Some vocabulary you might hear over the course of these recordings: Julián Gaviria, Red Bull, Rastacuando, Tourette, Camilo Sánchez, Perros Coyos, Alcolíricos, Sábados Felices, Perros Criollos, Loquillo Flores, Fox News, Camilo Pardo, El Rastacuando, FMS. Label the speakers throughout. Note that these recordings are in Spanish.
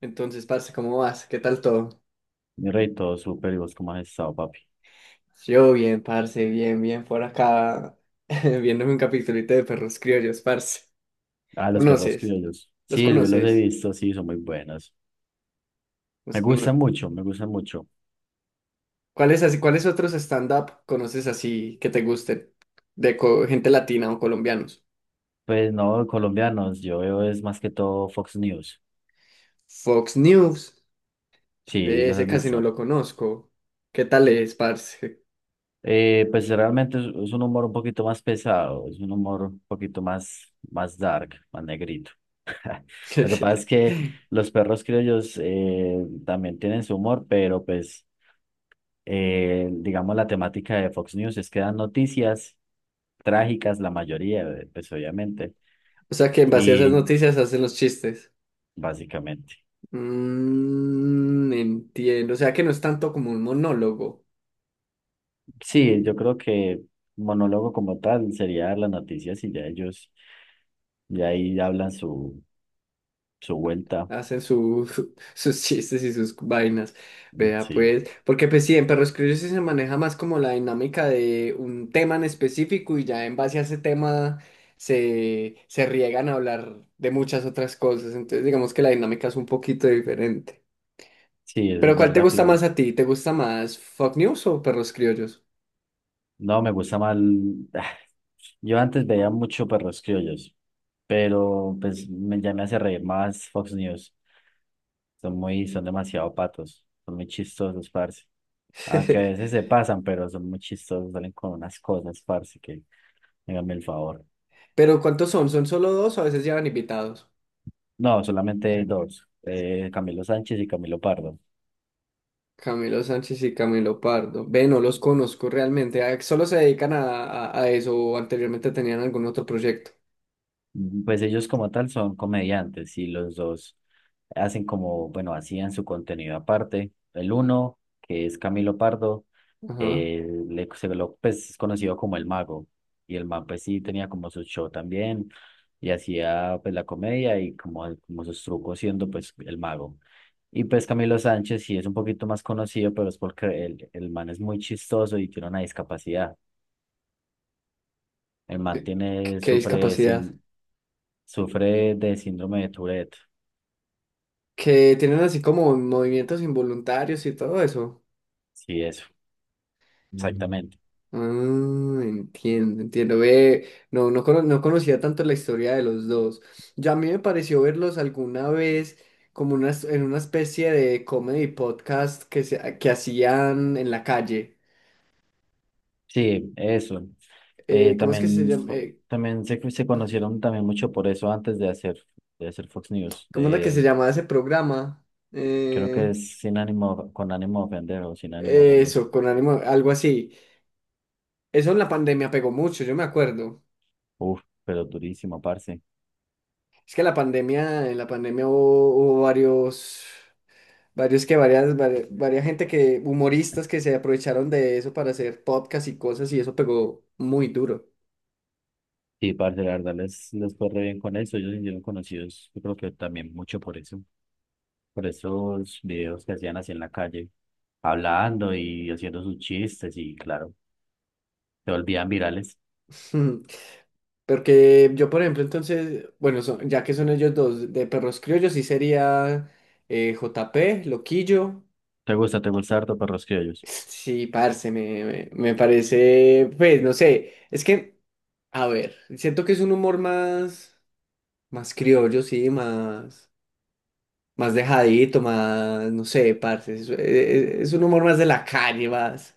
Speaker 1: Entonces, parce, ¿cómo vas? ¿Qué tal todo?
Speaker 2: Mi rey, todo súper. ¿Y vos cómo has estado, papi?
Speaker 1: Yo bien, parce, bien, por acá, viéndome un capitulito de perros criollos, parce.
Speaker 2: Ah, los perros
Speaker 1: ¿Conoces?
Speaker 2: criollos.
Speaker 1: ¿Los
Speaker 2: Sí, yo los he
Speaker 1: conoces?
Speaker 2: visto, sí, son muy buenos. Me
Speaker 1: ¿Los cono-
Speaker 2: gustan mucho, me gustan mucho.
Speaker 1: ¿Cuáles así, cuáles otros stand-up conoces así que te gusten? Gente latina o colombianos.
Speaker 2: Pues no, colombianos, yo veo es más que todo Fox News.
Speaker 1: Fox News,
Speaker 2: Sí,
Speaker 1: ve,
Speaker 2: los
Speaker 1: ese
Speaker 2: has
Speaker 1: casi no
Speaker 2: visto.
Speaker 1: lo conozco. ¿Qué tal es, parce?
Speaker 2: Pues realmente es un humor un poquito más pesado, es un humor un poquito más, más dark, más negrito. Lo que pasa es que los perros criollos también tienen su humor, pero pues, digamos, la temática de Fox News es que dan noticias trágicas la mayoría, pues obviamente,
Speaker 1: O sea que en base a esas
Speaker 2: y
Speaker 1: noticias hacen los chistes.
Speaker 2: básicamente.
Speaker 1: Entiendo, o sea que no es tanto como un monólogo,
Speaker 2: Sí, yo creo que monólogo como tal sería dar las noticias y ya ellos, ya ahí hablan su, su vuelta.
Speaker 1: hacen sus chistes y sus vainas,
Speaker 2: Mm,
Speaker 1: vea
Speaker 2: sí,
Speaker 1: pues, porque pues sí, en Perros Criollos sí se maneja más como la dinámica de un tema en específico y ya en base a ese tema se riegan a hablar de muchas otras cosas, entonces digamos que la dinámica es un poquito diferente.
Speaker 2: sí, eso
Speaker 1: Pero
Speaker 2: es
Speaker 1: ¿cuál te
Speaker 2: verdad,
Speaker 1: gusta
Speaker 2: claro.
Speaker 1: más a ti? ¿Te gusta más Fox News o Perros Criollos?
Speaker 2: No, me gusta mal. Yo antes veía mucho perros criollos, pero pues ya me hace reír más Fox News. Son muy, son demasiado patos, son muy chistosos, parce. Aunque a veces se pasan, pero son muy chistosos, salen con unas cosas, parce, que háganme el favor.
Speaker 1: Pero ¿cuántos son? ¿Son solo dos o a veces llevan invitados?
Speaker 2: No, solamente hay dos, Camilo Sánchez y Camilo Pardo.
Speaker 1: Camilo Sánchez y Camilo Pardo. Ve, no los conozco realmente. Ah, solo se dedican a eso o anteriormente tenían algún otro proyecto.
Speaker 2: Mm, pues ellos como tal son comediantes y los dos hacen como, bueno, hacían su contenido aparte. El uno, que es Camilo Pardo,
Speaker 1: Ajá.
Speaker 2: él, pues, es conocido como el mago. Y el man, pues sí, tenía como su show también y hacía pues la comedia y como, como sus trucos siendo pues el mago. Y pues Camilo Sánchez sí es un poquito más conocido, pero es porque el man es muy chistoso y tiene una discapacidad. El man
Speaker 1: Eh, Qué,
Speaker 2: tiene,
Speaker 1: qué
Speaker 2: sufre de,
Speaker 1: discapacidad.
Speaker 2: sin- sufre de síndrome de Tourette.
Speaker 1: Que tienen así como movimientos involuntarios y todo eso.
Speaker 2: Sí, eso, mm, exactamente.
Speaker 1: Ah, entiendo, entiendo. Ve, no conocía tanto la historia de los dos. Ya a mí me pareció verlos alguna vez como una, en una especie de comedy podcast que hacían en la calle
Speaker 2: Sí, eso.
Speaker 1: ¿cómo es que
Speaker 2: También,
Speaker 1: se llama?
Speaker 2: también se conocieron también mucho por eso antes de hacer Fox News.
Speaker 1: ¿Cómo era que se llamaba ese programa?
Speaker 2: Creo que
Speaker 1: Eh,
Speaker 2: es sin ánimo, con ánimo de ofender o sin ánimo de ofender.
Speaker 1: eso, con ánimo, algo así. Eso en la pandemia pegó mucho, yo me acuerdo.
Speaker 2: Uf, pero durísimo, parce.
Speaker 1: Es que la pandemia, en la pandemia hubo varios, varios que varias gente que, humoristas que se aprovecharon de eso para hacer podcasts y cosas y eso pegó muy duro.
Speaker 2: Sí, parce, la verdad les, les fue re bien con eso. Ellos se hicieron conocidos, yo creo que también mucho por eso. Por esos videos que hacían así en la calle, hablando y haciendo sus chistes y claro, se volvían virales.
Speaker 1: Porque yo, por ejemplo, entonces, bueno, ya que son ellos dos, de Perros Criollos sí sería JP, Loquillo.
Speaker 2: Te gusta harto Perros Criollos?
Speaker 1: Sí, parce, me parece, pues, no sé, es que, a ver, siento que es un humor más, más criollo, sí, más, más dejadito, más, no sé, parce, es un humor más de la calle, más,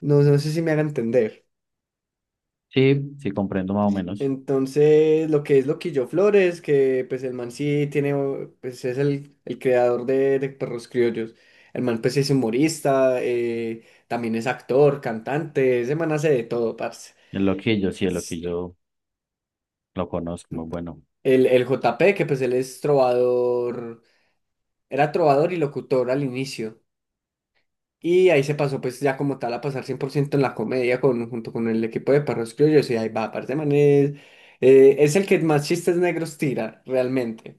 Speaker 1: no, no sé si me haga entender.
Speaker 2: Sí, sí, comprendo más o menos.
Speaker 1: Entonces, lo que es Loquillo Flores, que pues el man sí tiene, pues es el creador de Perros Criollos, el man pues es humorista, también es actor, cantante, ese man hace de todo, parce.
Speaker 2: El loquillo, sí, el loquillo lo conozco, muy bueno.
Speaker 1: El J P que pues él es trovador, era trovador y locutor al inicio. Y ahí se pasó pues ya como tal a pasar 100% en la comedia con, junto con el equipo de Perros Criollos y ahí va, aparte man es el que más chistes negros tira realmente.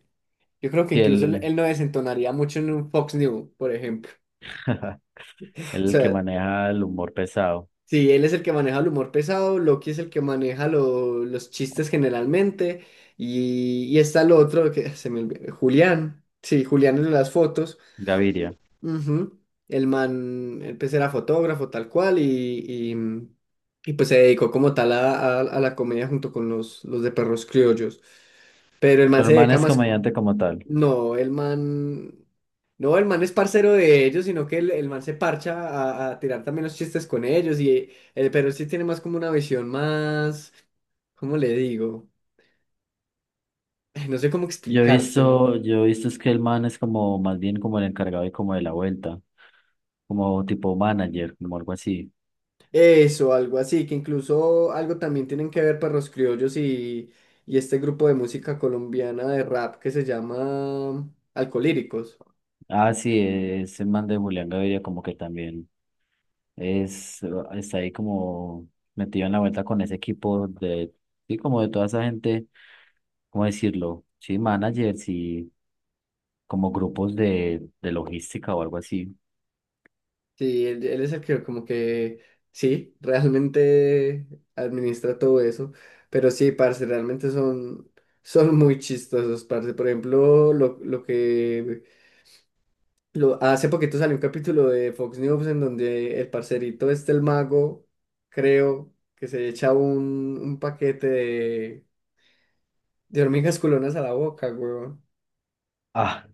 Speaker 1: Yo creo que
Speaker 2: Sí,
Speaker 1: incluso
Speaker 2: él,
Speaker 1: él no desentonaría mucho en un Fox News, por ejemplo.
Speaker 2: él
Speaker 1: O
Speaker 2: es el que
Speaker 1: sea,
Speaker 2: maneja el humor pesado,
Speaker 1: sí, él es el que maneja el humor pesado, Loki es el que maneja los chistes generalmente y está el otro que se me olvidó, Julián. Sí, Julián en las fotos.
Speaker 2: Gaviria.
Speaker 1: Ujú. El man, pues era fotógrafo tal cual y, y, pues se dedicó como tal a la comedia junto con los de perros criollos. Pero el man
Speaker 2: Pero
Speaker 1: se
Speaker 2: el man
Speaker 1: dedica
Speaker 2: es
Speaker 1: más,
Speaker 2: comediante como tal.
Speaker 1: no, el man, no, el man es parcero de ellos, sino que el man se parcha a tirar también los chistes con ellos y el pero sí tiene más como una visión más, ¿cómo le digo? No sé cómo explicártelo.
Speaker 2: Yo he visto es que el man es como, más bien como el encargado y como de la vuelta, como tipo manager, como algo así.
Speaker 1: Eso, algo así, que incluso algo también tienen que ver Perros Criollos y este grupo de música colombiana de rap que se llama Alcolíricos.
Speaker 2: Ah, sí, es el man de Julián Gaviria como que también es, está ahí como metido en la vuelta con ese equipo de, sí, como de toda esa gente, ¿cómo decirlo? Sí, managers y como grupos de logística o algo así.
Speaker 1: Sí, él es el que como que, sí, realmente administra todo eso, pero sí, parce, realmente son, son muy chistosos, parce. Por ejemplo, hace poquito salió un capítulo de Fox News en donde el parcerito este, el mago, creo que se echa un paquete de hormigas culonas a la boca, weón.
Speaker 2: Ah,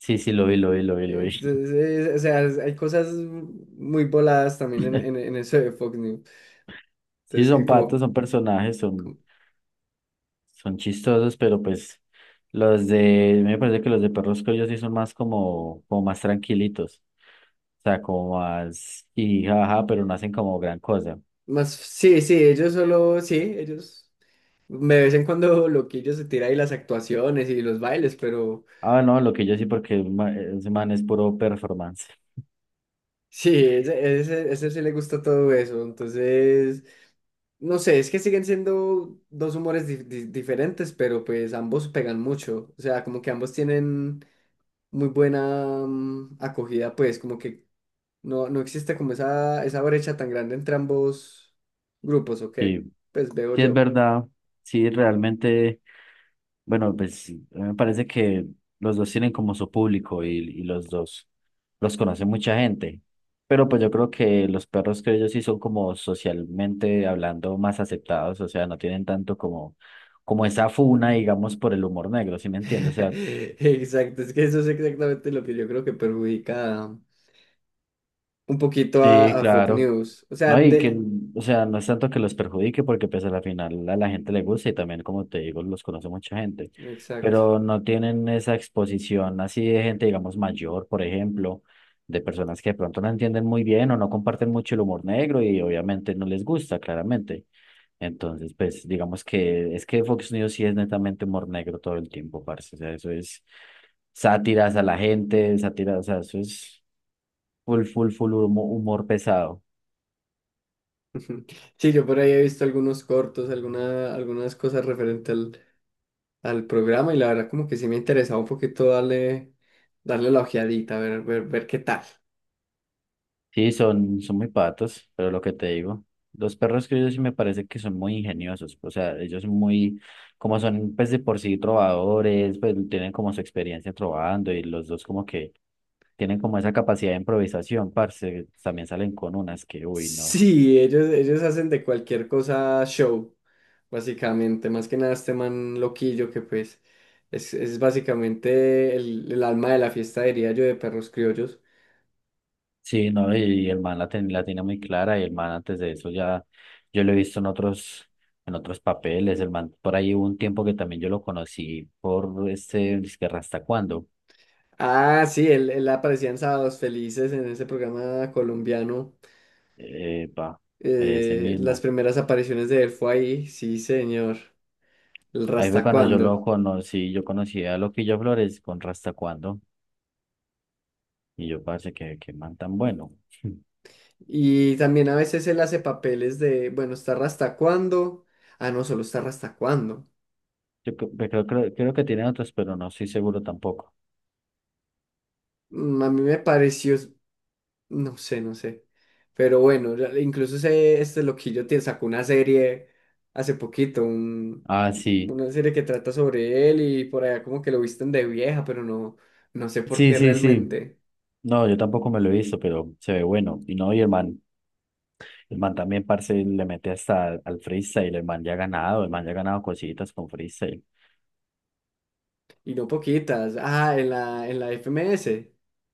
Speaker 2: sí, sí, lo vi, lo vi, lo vi, lo vi.
Speaker 1: Entonces, o sea, hay cosas muy voladas también en eso de Fox News.
Speaker 2: Sí,
Speaker 1: Entonces, que
Speaker 2: son patos,
Speaker 1: como
Speaker 2: son personajes, son, son chistosos, pero pues los de, me parece que los de Perros Coyos sí son más como, como más tranquilitos. O sea, como más y jaja, pero no hacen como gran cosa.
Speaker 1: más, sí, sí, ellos solo, sí, ellos, de vez en cuando Loquillo se tira ahí las actuaciones y los bailes, pero
Speaker 2: Ah, no, lo que yo sí, porque ese man es puro performance.
Speaker 1: sí, ese sí le gusta todo eso. Entonces... No sé, es que siguen siendo dos humores diferentes, pero pues ambos pegan mucho. O sea, como que ambos tienen muy buena acogida, pues como que no, no existe como esa brecha tan grande entre ambos grupos, ¿o
Speaker 2: Sí,
Speaker 1: qué? Pues veo
Speaker 2: sí es
Speaker 1: yo.
Speaker 2: verdad, sí, realmente. Bueno, pues a mí me parece que los dos tienen como su público y los dos los conoce mucha gente. Pero pues yo creo que los perros que ellos sí son como socialmente hablando más aceptados, o sea, no tienen tanto como, como esa funa, digamos, por el humor negro, ¿sí me entiendes? O sea,
Speaker 1: Exacto, es que eso es exactamente lo que yo creo que perjudica un poquito
Speaker 2: sí,
Speaker 1: a Fox
Speaker 2: claro.
Speaker 1: News. O sea,
Speaker 2: No, y que,
Speaker 1: de...
Speaker 2: o sea, no es tanto que los perjudique, porque pues a la final a la gente le gusta y también, como te digo, los conoce mucha gente,
Speaker 1: Exacto.
Speaker 2: pero no tienen esa exposición así de gente, digamos, mayor, por ejemplo, de personas que de pronto no entienden muy bien o no comparten mucho el humor negro y obviamente no les gusta, claramente. Entonces, pues, digamos que es que Fox News sí es netamente humor negro todo el tiempo, parce, o sea, eso es sátiras a la gente, sátiras, o sea, eso es full, full, full humor pesado.
Speaker 1: Sí, yo por ahí he visto algunos cortos, alguna, algunas cosas referentes al programa y la verdad como que sí me interesaba un poquito darle, darle la ojeadita, ver, ver, ver qué tal.
Speaker 2: Sí, son, son muy patos, pero lo que te digo, los perros criollos sí me parece que son muy ingeniosos, o sea, ellos son muy, como son pues de por sí trovadores, pues tienen como su experiencia trovando y los dos como que tienen como esa capacidad de improvisación, parce, también salen con unas que, uy, no.
Speaker 1: Sí, ellos hacen de cualquier cosa show, básicamente. Más que nada este man loquillo que pues es básicamente el alma de la fiesta, diría yo, de Perros Criollos.
Speaker 2: Sí, no, y el man la, la tiene muy clara y el man antes de eso ya, yo lo he visto en otros papeles, el man por ahí hubo un tiempo que también yo lo conocí por este, es que Rasta Cuando.
Speaker 1: Ah, sí, él aparecía en Sábados Felices en ese programa colombiano.
Speaker 2: Epa, ese
Speaker 1: Las
Speaker 2: mismo.
Speaker 1: primeras apariciones de él fue ahí, sí, señor. El
Speaker 2: Ahí fue cuando yo lo
Speaker 1: Rastacuando.
Speaker 2: conocí, yo conocí a Loquillo Flores con Rastacuando y yo parece que man tan bueno.
Speaker 1: Y también a veces él hace papeles de, bueno, ¿estar hasta cuándo? Ah, no, solo estar hasta cuándo.
Speaker 2: Creo, creo que tiene otros, pero no estoy seguro tampoco.
Speaker 1: A mí me pareció, no sé, no sé. Pero bueno, incluso ese, este loquillo te sacó una serie hace poquito,
Speaker 2: Ah, sí,
Speaker 1: una serie que trata sobre él y por allá como que lo visten de vieja, pero no, no sé por
Speaker 2: sí,
Speaker 1: qué
Speaker 2: sí, sí.
Speaker 1: realmente.
Speaker 2: No, yo tampoco me lo he visto, pero se ve bueno. Y no, y el man también, parce, le mete hasta al freestyle, el man ya ha ganado, el man ya ha ganado cositas con freestyle,
Speaker 1: Y no poquitas. Ah, en la FMS,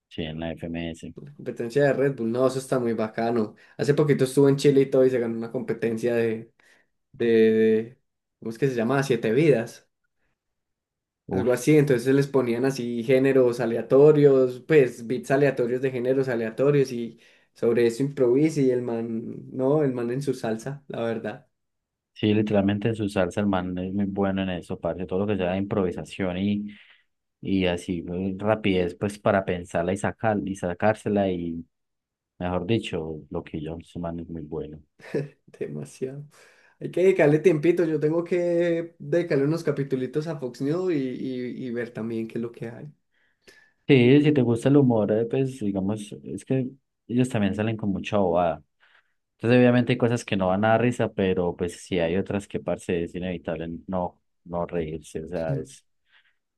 Speaker 2: sí, en la FMS.
Speaker 1: la competencia de Red Bull. No, eso está muy bacano. Hace poquito estuvo en Chile y todo y se ganó una competencia de, ¿cómo es que se llama? Siete vidas,
Speaker 2: Uf,
Speaker 1: algo así. Entonces les ponían así géneros aleatorios, pues beats aleatorios de géneros aleatorios y sobre eso improvisa y el man, no, el man en su salsa, la verdad,
Speaker 2: sí, literalmente su salsa, el man es muy bueno en eso, parce, todo lo que sea improvisación y así rapidez, pues para pensarla y sacar, y sacársela y, mejor dicho, lo que yo, ese man es muy bueno.
Speaker 1: demasiado. Hay que dedicarle tiempito, yo tengo que dedicarle unos capitulitos a Fox News y, y ver también qué es lo que hay.
Speaker 2: Sí, si te gusta el humor, pues digamos, es que ellos también salen con mucha bobada. Entonces, obviamente hay cosas que no van a dar risa, pero pues sí hay otras que, parce, es inevitable no, no reírse, o sea,
Speaker 1: Mm,
Speaker 2: es...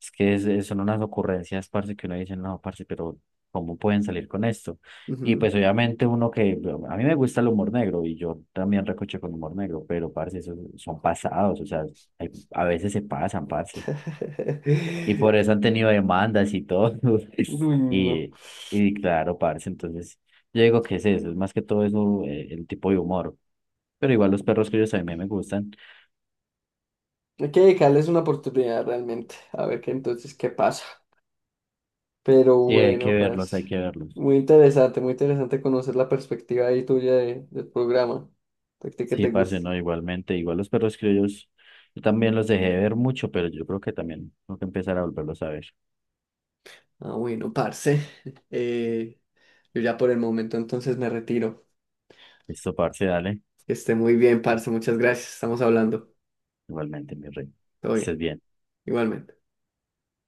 Speaker 2: Son unas ocurrencias, parce, que uno dice, no, parce, pero ¿cómo pueden salir con esto? Y
Speaker 1: Ujú.
Speaker 2: pues obviamente uno que, bueno, a mí me gusta el humor negro y yo también recoche con humor negro, pero parce, esos son pasados, o sea, a veces se pasan, parce. Y por eso han tenido demandas y todo.
Speaker 1: Uy, no.
Speaker 2: Y, y claro, parce, entonces yo digo que es eso, es más que todo eso, el tipo de humor. Pero igual los perros que ellos también me gustan
Speaker 1: Hay que dedicarles una oportunidad realmente, a ver qué entonces qué pasa. Pero
Speaker 2: y hay que
Speaker 1: bueno,
Speaker 2: verlos,
Speaker 1: pues
Speaker 2: hay que verlos.
Speaker 1: muy interesante conocer la perspectiva ahí tuya del programa. De ti que
Speaker 2: Sí,
Speaker 1: te
Speaker 2: parce,
Speaker 1: gusta.
Speaker 2: no, igualmente, igual los perros criollos, yo también los dejé de ver mucho, pero yo creo que también tengo que empezar a volverlos a ver.
Speaker 1: Ah, bueno, parce. eh, yo ya por el momento entonces me retiro.
Speaker 2: Listo, parce, dale,
Speaker 1: Que esté muy bien, parce. Muchas gracias. Estamos hablando.
Speaker 2: igualmente, mi rey. Que
Speaker 1: Todo
Speaker 2: estés
Speaker 1: bien.
Speaker 2: bien.
Speaker 1: Igualmente.